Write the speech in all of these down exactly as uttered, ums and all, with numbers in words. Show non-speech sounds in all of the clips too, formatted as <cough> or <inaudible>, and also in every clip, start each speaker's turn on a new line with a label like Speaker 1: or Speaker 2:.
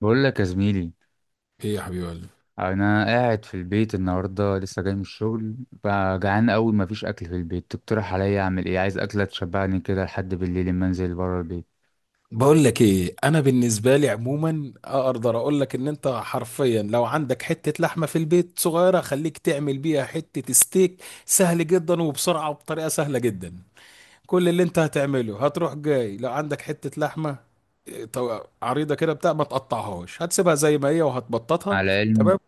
Speaker 1: بقول لك يا زميلي،
Speaker 2: ايه يا حبيب قلبي.
Speaker 1: انا قاعد في البيت النهارده لسه جاي من الشغل بقى. جعان قوي مفيش اكل في البيت. تقترح عليا اعمل ايه؟ عايز اكله تشبعني كده لحد بالليل لما انزل بره البيت.
Speaker 2: بقول لك ايه، انا بالنسبه لي عموما اقدر اقول لك ان انت حرفيا لو عندك حته لحمه في البيت صغيره خليك تعمل بيها حته ستيك سهل جدا وبسرعه وبطريقه سهله جدا. كل اللي انت هتعمله هتروح جاي لو عندك حته لحمه إيه، طو- عريضه كده بتاع ما تقطعهاش، هتسيبها زي ما هي
Speaker 1: مع
Speaker 2: وهتبططها.
Speaker 1: العلم
Speaker 2: تمام.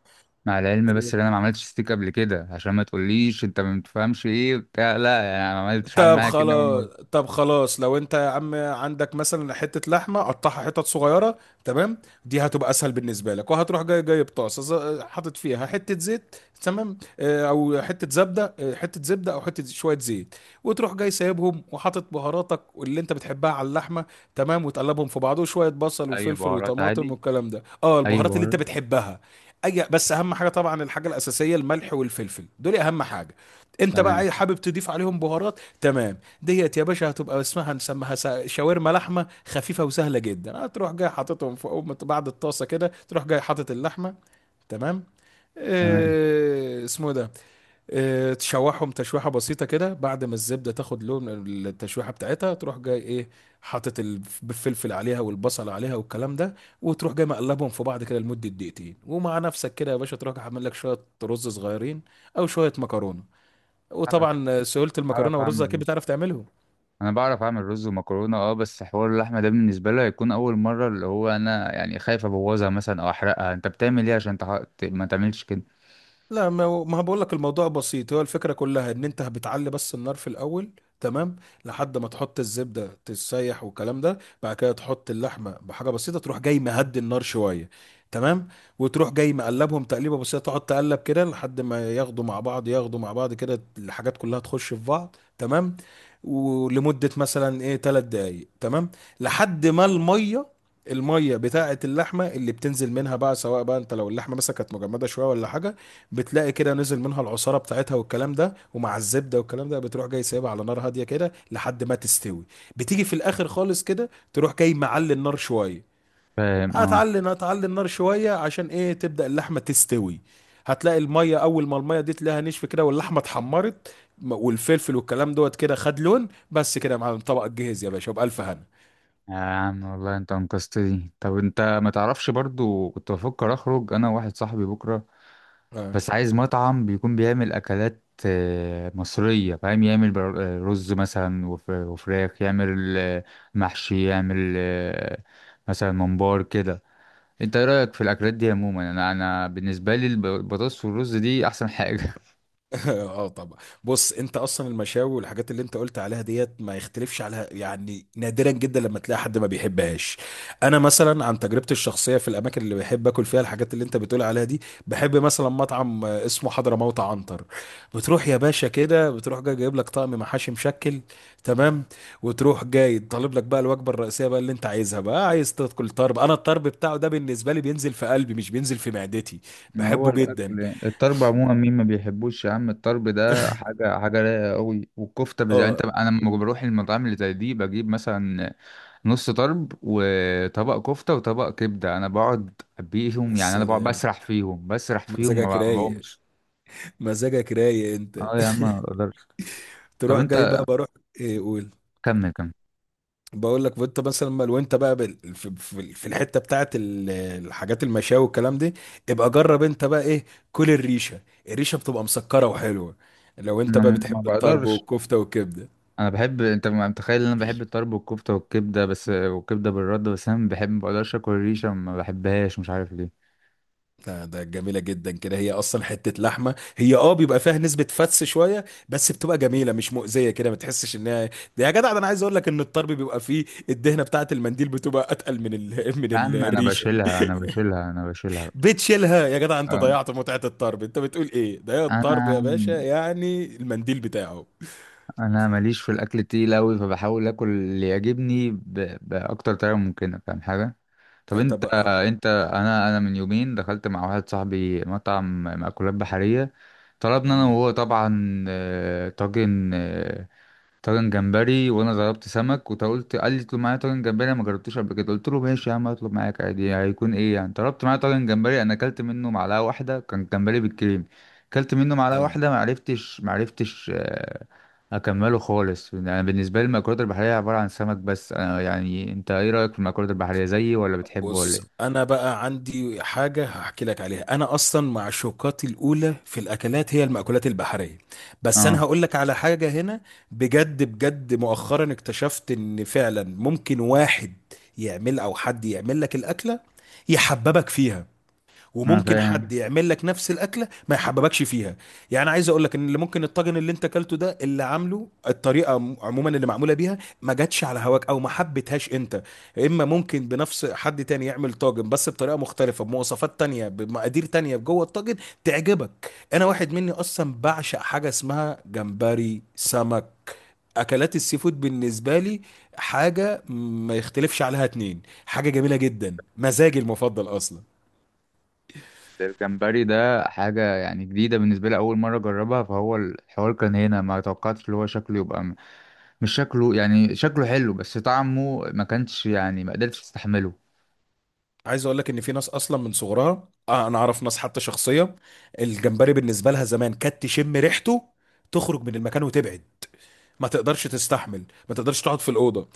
Speaker 1: مع العلم بس ان انا ما عملتش ستيك قبل كده، عشان ما تقوليش انت ما بتفهمش ايه بتاع. لا يعني أنا ما عملتش، عامل
Speaker 2: طب
Speaker 1: معايا كده اول
Speaker 2: خلاص.
Speaker 1: مره.
Speaker 2: طب خلاص لو انت يا عم عندك مثلا حته لحمه قطعها حتت صغيره. تمام. دي هتبقى اسهل بالنسبه لك، وهتروح جاي جاي بطاسه ز- حاطط فيها حته زيت. تمام. اه، او حته زبده، اه، حته زبده او حته شويه زيت. وتروح جاي سايبهم وحاطط بهاراتك واللي انت بتحبها على اللحمه. تمام، وتقلبهم في بعض وشويه بصل
Speaker 1: اي
Speaker 2: وفلفل
Speaker 1: بهارات
Speaker 2: وطماطم
Speaker 1: عادي،
Speaker 2: والكلام ده، اه
Speaker 1: اي
Speaker 2: البهارات اللي
Speaker 1: بهارات.
Speaker 2: انت بتحبها. اي بس اهم حاجه طبعا، الحاجه الاساسيه الملح والفلفل، دول اهم حاجه. انت بقى
Speaker 1: تمام.
Speaker 2: إيه، حابب تضيف عليهم بهارات؟ تمام، ديت يا باشا هتبقى اسمها، نسميها سا- شاورما لحمه خفيفه وسهله جدا. هتروح جاي حاططهم فوق بعد الطاسه، كده تروح جاي حاطط اللحمه. تمام.
Speaker 1: تمام.
Speaker 2: إيه اسمه إيه ده؟ إيه، تشوحهم تشويحه بسيطه كده، بعد ما الزبده تاخد لون التشويحه بتاعتها تروح جاي ايه، حاطط الف- الفلفل عليها والبصل عليها والكلام ده. وتروح جاي مقلبهم في بعض كده لمده دقيقتين، ومع نفسك كده يا باشا تروح جاي عامل لك شويه رز صغيرين او شويه مكرونه.
Speaker 1: اعمل رز.
Speaker 2: وطبعا سهوله المكرونه
Speaker 1: اعرف
Speaker 2: والرز
Speaker 1: اعمل
Speaker 2: اكيد
Speaker 1: رز.
Speaker 2: بتعرف تعملهم.
Speaker 1: انا بعرف اعمل رز ومكرونه، اه. بس حوار اللحمه ده بالنسبه لي هيكون اول مره، اللي هو انا يعني خايف ابوظها مثلا او احرقها. انت بتعمل ايه عشان تح... ت- ما تعملش كده؟
Speaker 2: لا، ما هو- ما بقول لك الموضوع بسيط، هو الفكره كلها ان انت بتعلي بس النار في الاول. تمام. لحد ما تحط الزبده تسيح والكلام ده، بعد كده تحط اللحمه بحاجه بسيطه، تروح جاي مهدي النار شويه. تمام. وتروح جاي مقلبهم تقليبه بسيطه، تقعد تقلب كده لحد ما ياخدوا مع بعض، ياخدوا مع بعض كده، الحاجات كلها تخش في بعض. تمام، ولمده مثلا ايه ثلاث دقائق. تمام، لحد ما الميه الميه بتاعه اللحمه اللي بتنزل منها بقى، سواء بقى انت لو اللحمه مثلا كانت مجمده شويه ولا حاجه، بتلاقي كده نزل منها العصاره بتاعتها والكلام ده، ومع الزبده والكلام ده بتروح جاي سايبها على نار هاديه كده لحد ما تستوي. بتيجي في الاخر خالص كده تروح جاي معلي النار شويه.
Speaker 1: فاهم، اه.
Speaker 2: هتعلي هتعلي النار شويه عشان ايه؟ تبدا اللحمه تستوي. هتلاقي الميه، اول ما الميه دي تلاقيها نشف كده، واللحمه اتحمرت م- والفلفل والكلام دوت كده خد لون، بس كده يا معلم طبقك جهز يا باشا وبألف هنا.
Speaker 1: يا عم والله انت انقذتني. طب انت ما تعرفش برضو كنت بفكر اخرج انا وواحد صاحبي بكره،
Speaker 2: آه.
Speaker 1: بس عايز مطعم بيكون بيعمل اكلات آه، مصريه، فاهم. يعمل بر- آه، رز مثلا وف- وفراخ. يعمل آه، محشي. يعمل آه، مثلا ممبار كده. انت ايه رايك في الاكلات دي عموما؟ انا انا بالنسبه لي الب- البطاطس والرز دي احسن حاجه <laughs>
Speaker 2: <laughs> اه طبعا. بص انت اصلا المشاوي والحاجات اللي انت قلت عليها ديت ما يختلفش عليها، يعني نادرا جدا لما تلاقي حد ما بيحبهاش. انا مثلا عن تجربتي الشخصيه، في الاماكن اللي بحب اكل فيها الحاجات اللي انت بتقول عليها دي، بحب مثلا مطعم آه، اسمه حضرموت عنتر. بتروح يا باشا كده، بتروح جاي جايب لك طقم محاشي مشكل. تمام. وتروح جاي طالب لك بقى الوجبه الرئيسيه بقى اللي انت عايزها، بقى عايز تاكل طرب، انا الطرب بتاعه ده بالنسبه لي بينزل في قلبي مش بينزل في معدتي.
Speaker 1: ما هو
Speaker 2: بحبه
Speaker 1: الاكل
Speaker 2: جدا.
Speaker 1: يعني. الطرب عموما مين ما بيحبوش يا عم؟ الطرب ده
Speaker 2: <laughs>
Speaker 1: حاجه، حاجه رايقه قوي. والكفته بز... يعني انت.
Speaker 2: اه،
Speaker 1: انا لما بروح المطاعم اللي زي دي بجيب مثلا نص طرب وطبق كفته وطبق كبده. انا بقعد بيهم يعني،
Speaker 2: بس
Speaker 1: انا بقعد بسرح فيهم، بسرح فيهم
Speaker 2: مزاجك
Speaker 1: ما
Speaker 2: رايق.
Speaker 1: بقومش.
Speaker 2: مزاجك رايق انت.
Speaker 1: اه يا عم ما بقدرش.
Speaker 2: <laughs>
Speaker 1: طب
Speaker 2: تروح
Speaker 1: انت.
Speaker 2: جاي بقى بروح. ايه قول.
Speaker 1: كمل كمل.
Speaker 2: بقول لك وانت مثلا ما- وانت بقى بال- في في- في الحته بتاعت ال- الحاجات المشاوي والكلام دي، ابقى جرب انت بقى ايه. كل الريشه. الريشه بتبقى مسكره وحلوه، لو انت بقى
Speaker 1: انا
Speaker 2: بتحب
Speaker 1: ما
Speaker 2: الطرب
Speaker 1: بقدرش.
Speaker 2: والكفته والكبده.
Speaker 1: انا بحب، انت ما متخيل ان انا بحب الطرب والكفته والكبده بس، والكبده بالرده بس. انا بحب، ما بقدرش اكل الريشه. ما بحبهاش، مش عارف ليه.
Speaker 2: ده ده جميلة جدا كده، هي أصلا حتة لحمة هي اه بيبقى فيها نسبة فتس شوية بس بتبقى جميلة مش مؤذية كده ما تحسش إنها. ده يا جدع، ده أنا عايز أقول لك إن الطرب بيبقى فيه الدهنة بتاعة المنديل بتبقى أتقل من ال... <laughs> من
Speaker 1: يا عم انا
Speaker 2: الريشة.
Speaker 1: بشيلها، انا بشيلها، انا بشيلها.
Speaker 2: بتشيلها يا جدع؟ أنت
Speaker 1: اه،
Speaker 2: ضيعت متعة الطرب، أنت بتقول إيه؟ ده الطرب يا
Speaker 1: انا
Speaker 2: باشا يعني المنديل بتاعه.
Speaker 1: انا ماليش في الاكل التقيل قوي، فبحاول اكل اللي يعجبني ب... باكتر طريقه ممكنه. فاهم حاجه. طب
Speaker 2: لا،
Speaker 1: انت.
Speaker 2: طب ها-
Speaker 1: انت انا انا من يومين دخلت مع واحد صاحبي مطعم مأكولات بحريه. طلبنا انا وهو طبعا آه، طاجن، آه، طاجن جمبري. وانا ضربت سمك، وانت قلت. قال لي اطلب معايا طاجن جمبري، انا ما جربتوش قبل كده. قلت له ماشي يا عم، اطلب معاك عادي، هيكون ايه يعني. طلبت معايا طاجن جمبري. انا اكلت منه معلقه واحده، كان جمبري بالكريم. اكلت منه معلقه
Speaker 2: أم.
Speaker 1: واحده، ما عرفتش ما عرفتش آه، اكمله خالص. انا بالنسبه لي المأكولات البحريه عباره عن سمك بس. انا يعني انت ايه رايك في المأكولات البحريه زيي، ولا بتحبه ولا
Speaker 2: بص
Speaker 1: ايه؟
Speaker 2: انا بقى عندي حاجه هحكي لك عليها، انا اصلا معشوقاتي الاولى في الاكلات هي المأكولات البحريه. بس
Speaker 1: اه.
Speaker 2: انا هقول لك على حاجه هنا. بجد بجد مؤخرا اكتشفت ان فعلا ممكن واحد يعمل، او حد يعمل لك الاكله يحببك فيها،
Speaker 1: انا
Speaker 2: وممكن
Speaker 1: فاهم.
Speaker 2: حد يعمل لك نفس الاكله ما يحببكش فيها. يعني عايز اقول لك ان اللي ممكن الطاجن اللي انت اكلته ده اللي عامله الطريقه عم- عموما اللي معموله بيها ما جاتش على هواك او ما حبيتهاش انت. اما ممكن بنفس، حد تاني يعمل طاجن بس بطريقه مختلفه، بمواصفات تانية بمقادير تانية جوه الطاجن، تعجبك. انا واحد مني اصلا بعشق حاجه اسمها جمبري سمك، اكلات السي فود بالنسبه لي حاجه ما يختلفش عليها. اتنين حاجه جميله جدا، مزاجي المفضل اصلا.
Speaker 1: الجمبري ده حاجة يعني جديدة بالنسبة لي، أول مرة أجربها. فهو الحوار كان هنا، ما توقعتش اللي هو شكله يبقى. مش شكله يعني، شكله حلو بس طعمه ما كانش يعني، ما قدرتش تستحمله.
Speaker 2: عايز اقول لك ان في ناس اصلا من صغرها آه، انا اعرف ناس حتى شخصيه الجمبري بالنسبه لها زمان كانت تشم ريحته تخرج من المكان وتبعد، ما تقدرش تستحمل، ما تقدرش تقعد في الاوضه.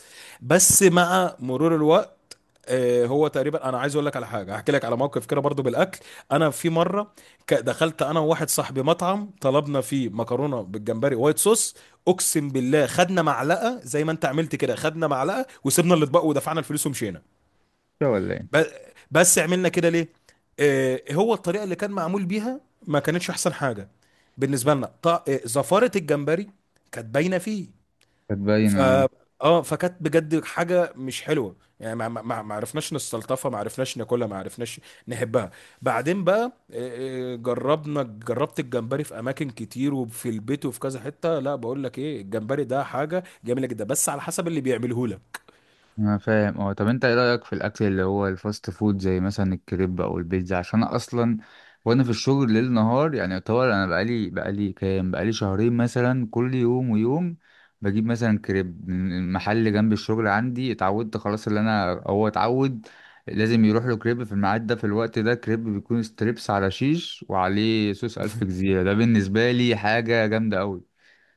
Speaker 2: بس مع مرور الوقت، آه، هو تقريبا انا عايز اقول لك على حاجه، احكي لك على موقف كده برضو بالاكل. انا في مره ك- دخلت انا وواحد صاحبي مطعم، طلبنا فيه مكرونه بالجمبري وايت صوص. اقسم بالله خدنا معلقه زي ما انت عملت كده، خدنا معلقه وسيبنا الاطباق ودفعنا الفلوس ومشينا.
Speaker 1: شو ولا ايه.
Speaker 2: ب- بس عملنا كده ليه؟ آه، هو الطريقه اللي كان معمول بيها ما كانتش احسن حاجه بالنسبه لنا. ط- آه، زفاره الجمبري كانت باينه فيه.
Speaker 1: كانت
Speaker 2: ف
Speaker 1: باينة.
Speaker 2: اه فكانت بجد حاجه مش حلوه، يعني ما ما ما ما عرفناش نستلطفها، ما عرفناش ناكلها، ما عرفناش نحبها. بعدين بقى، آه، آه، جربنا، جربت الجمبري في اماكن كتير وفي البيت وفي كذا حته، لا بقول لك ايه، الجمبري ده حاجه جميله جدا بس على حسب اللي بيعمله لك.
Speaker 1: انا فاهم، اه. طب انت ايه رايك في الاكل اللي هو الفاست فود زي مثلا الكريب او البيتزا؟ عشان انا اصلا وانا في الشغل ليل نهار يعني، يعتبر انا بقالي بقالي كام، بقالي شهرين مثلا، كل يوم ويوم بجيب مثلا كريب من محل جنب الشغل عندي. اتعودت خلاص. اللي انا هو اتعود لازم يروح له كريب في الميعاد ده، في الوقت ده. كريب بيكون ستريبس على شيش وعليه صوص الف جزيره. ده بالنسبه لي حاجه جامده قوي.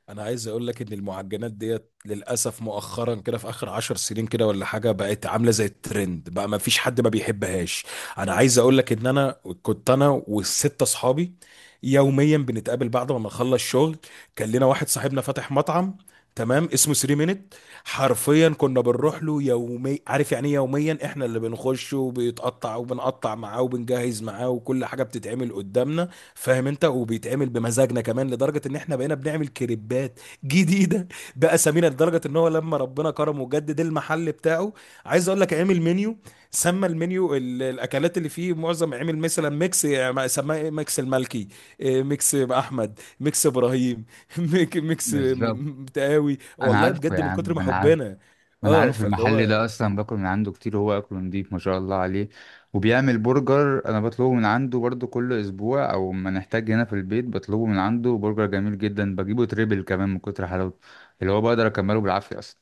Speaker 2: انا عايز اقول لك ان المعجنات ديت للاسف مؤخرا كده في اخر عشر سنين كده ولا حاجه بقت عامله زي الترند، بقى ما فيش حد ما بيحبهاش. انا عايز اقول لك ان انا كنت انا والستة اصحابي يوميا بنتقابل بعد ما نخلص شغل. كان لنا واحد صاحبنا فاتح مطعم، تمام، اسمه ثري مينت. حرفيا كنا بنروح له يومي، عارف يعني ايه يوميا؟ احنا اللي بنخش وبيتقطع وبنقطع معاه وبنجهز معاه وكل حاجه بتتعمل قدامنا، فاهم انت، وبيتعمل بمزاجنا كمان. لدرجه ان احنا بقينا بنعمل كريبات جديده <laughs> باسامينا. لدرجه ان هو لما ربنا كرمه وجدد المحل بتاعه، عايز اقول لك عامل منيو، سمى المنيو ال- الاكلات اللي فيه، معظم عامل مثلا ميكس يعني، سماه إيه؟ ميكس الملكي، إيه، ميكس احمد، ميكس ابراهيم. <laughs> ميك- ميكس م-
Speaker 1: بالظبط.
Speaker 2: م- تقاوي،
Speaker 1: انا
Speaker 2: والله
Speaker 1: عارفه
Speaker 2: بجد
Speaker 1: يا
Speaker 2: من كتر
Speaker 1: عم،
Speaker 2: ما
Speaker 1: انا عارف.
Speaker 2: حبنا.
Speaker 1: ما انا
Speaker 2: اه
Speaker 1: عارف
Speaker 2: فاللي
Speaker 1: المحل
Speaker 2: هو
Speaker 1: ده اصلا، باكل من عنده كتير، هو اكله نضيف ما شاء الله عليه. وبيعمل برجر، انا بطلبه من عنده برضو كل اسبوع، او ما نحتاج هنا في البيت بطلبه من عنده. برجر جميل جدا، بجيبه تريبل كمان من كتر حلاوته اللي هو بقدر اكمله بالعافية اصلا.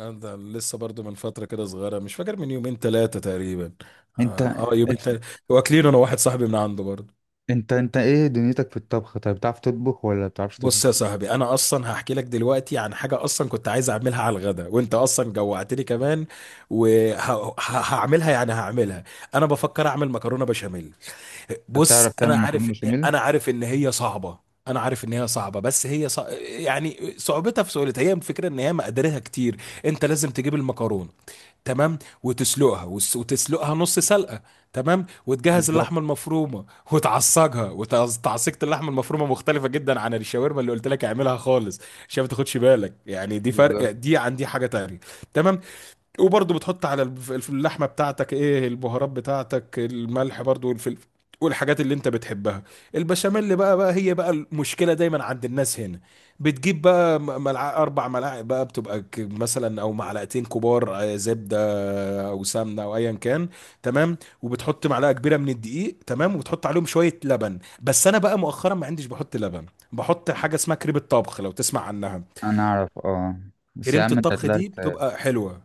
Speaker 2: آه، ده لسه برضو من فترة كده صغيرة، مش فاكر، من يومين ثلاثة تقريبا.
Speaker 1: انت
Speaker 2: اه آه، يومين
Speaker 1: انت
Speaker 2: ثلاثة واكلين انا واحد صاحبي من عنده برضو.
Speaker 1: انت, انت ايه دنيتك في الطبخ طيب؟ بتعرف تطبخ ولا بتعرفش
Speaker 2: بص يا
Speaker 1: تطبخ؟
Speaker 2: صاحبي، انا اصلا هحكي لك دلوقتي عن حاجة اصلا كنت عايز اعملها على الغدا، وانت اصلا جوعتني كمان وهعملها، يعني هعملها. انا بفكر اعمل مكرونة بشاميل.
Speaker 1: طب بتعرف
Speaker 2: بص
Speaker 1: تعمل
Speaker 2: انا
Speaker 1: مكرونة
Speaker 2: عارف ان،
Speaker 1: بشاميل؟
Speaker 2: انا عارف ان هي صعبة. انا عارف ان هي صعبة، بس هي صع... يعني صعوبتها في سهولتها، هي الفكرة ان هي مقاديرها كتير. انت لازم تجيب المكرونة، تمام، وتسلقها وس- وتسلقها نص سلقه. تمام، وتجهز
Speaker 1: بالظبط.
Speaker 2: اللحمه المفرومه وتعصجها. وتعصيجة اللحمه المفرومه مختلفه جدا عن الشاورما اللي قلت لك اعملها خالص، عشان ما تاخدش بالك يعني، دي
Speaker 1: بالظبط.
Speaker 2: فرق دي عن دي حاجه تانية. تمام. وبرضه بتحط على الف- الف- اللحمه بتاعتك ايه؟ البهارات بتاعتك، الملح برضه والفلفل والحاجات اللي انت بتحبها. البشاميل بقى، بقى هي بقى المشكله دايما عند الناس هنا، بتجيب بقى، م- ملع... اربع ملاعق بقى، بتبقى ك- مثلا او معلقتين كبار آه، زبده او سمنه او ايا كان. تمام وبتحط معلقه كبيره من الدقيق، تمام، وبتحط عليهم شويه لبن، بس انا بقى مؤخرا ما عنديش بحط لبن، بحط حاجه اسمها كريمه طبخ، لو تسمع عنها.
Speaker 1: انا اعرف، اه. بس يا
Speaker 2: كريمه
Speaker 1: عم انت
Speaker 2: الطبخ
Speaker 1: طلعت.
Speaker 2: دي بتبقى حلوه،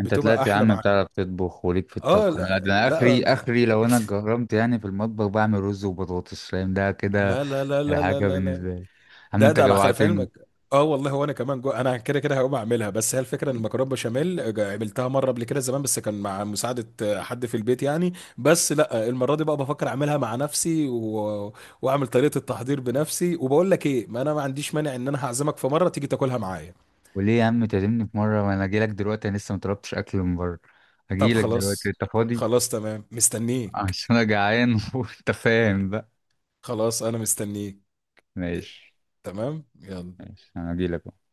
Speaker 1: انت
Speaker 2: بتبقى
Speaker 1: طلعت يا
Speaker 2: احلى
Speaker 1: عم
Speaker 2: معاها.
Speaker 1: بتعرف تطبخ وليك في
Speaker 2: اه
Speaker 1: الطبخ. انا ده،
Speaker 2: لا
Speaker 1: انا اخري
Speaker 2: لا
Speaker 1: اخري. لو انا اتجرمت يعني في المطبخ بعمل رز وبطاطس، فاهم ده كده.
Speaker 2: لا لا لا لا لا
Speaker 1: الحاجه
Speaker 2: لا لا،
Speaker 1: بالنسبه لي يا عم،
Speaker 2: ده
Speaker 1: انت
Speaker 2: ده انا خلف
Speaker 1: جوعتني.
Speaker 2: علمك. اه والله، وانا كمان جو، انا كده كده هقوم اعملها. بس هي الفكره ان المكرونه بشاميل جا- عملتها مره قبل كده زمان، بس كان مع مساعده آه، حد في البيت يعني. بس لا آه، المره دي بقى بفكر اعملها مع نفسي و... واعمل طريقه التحضير بنفسي. وبقول لك ايه، ما انا ما عنديش مانع ان انا هعزمك في مره تيجي تاكلها معايا.
Speaker 1: وليه يا عم تعزمني في مره؟ وانا اجي لك دلوقتي. انا لسه ما طلبتش اكل من بره،
Speaker 2: طب
Speaker 1: اجي لك دلوقتي.
Speaker 2: خلاص.
Speaker 1: انت فاضي؟
Speaker 2: خلاص، تمام،
Speaker 1: <laughs>
Speaker 2: مستنيك.
Speaker 1: عشان انا جعان <laughs> وانت فاهم بقى.
Speaker 2: خلاص انا مستنيك.
Speaker 1: ماشي.
Speaker 2: تمام، يلا.
Speaker 1: ماشي انا اجي لك.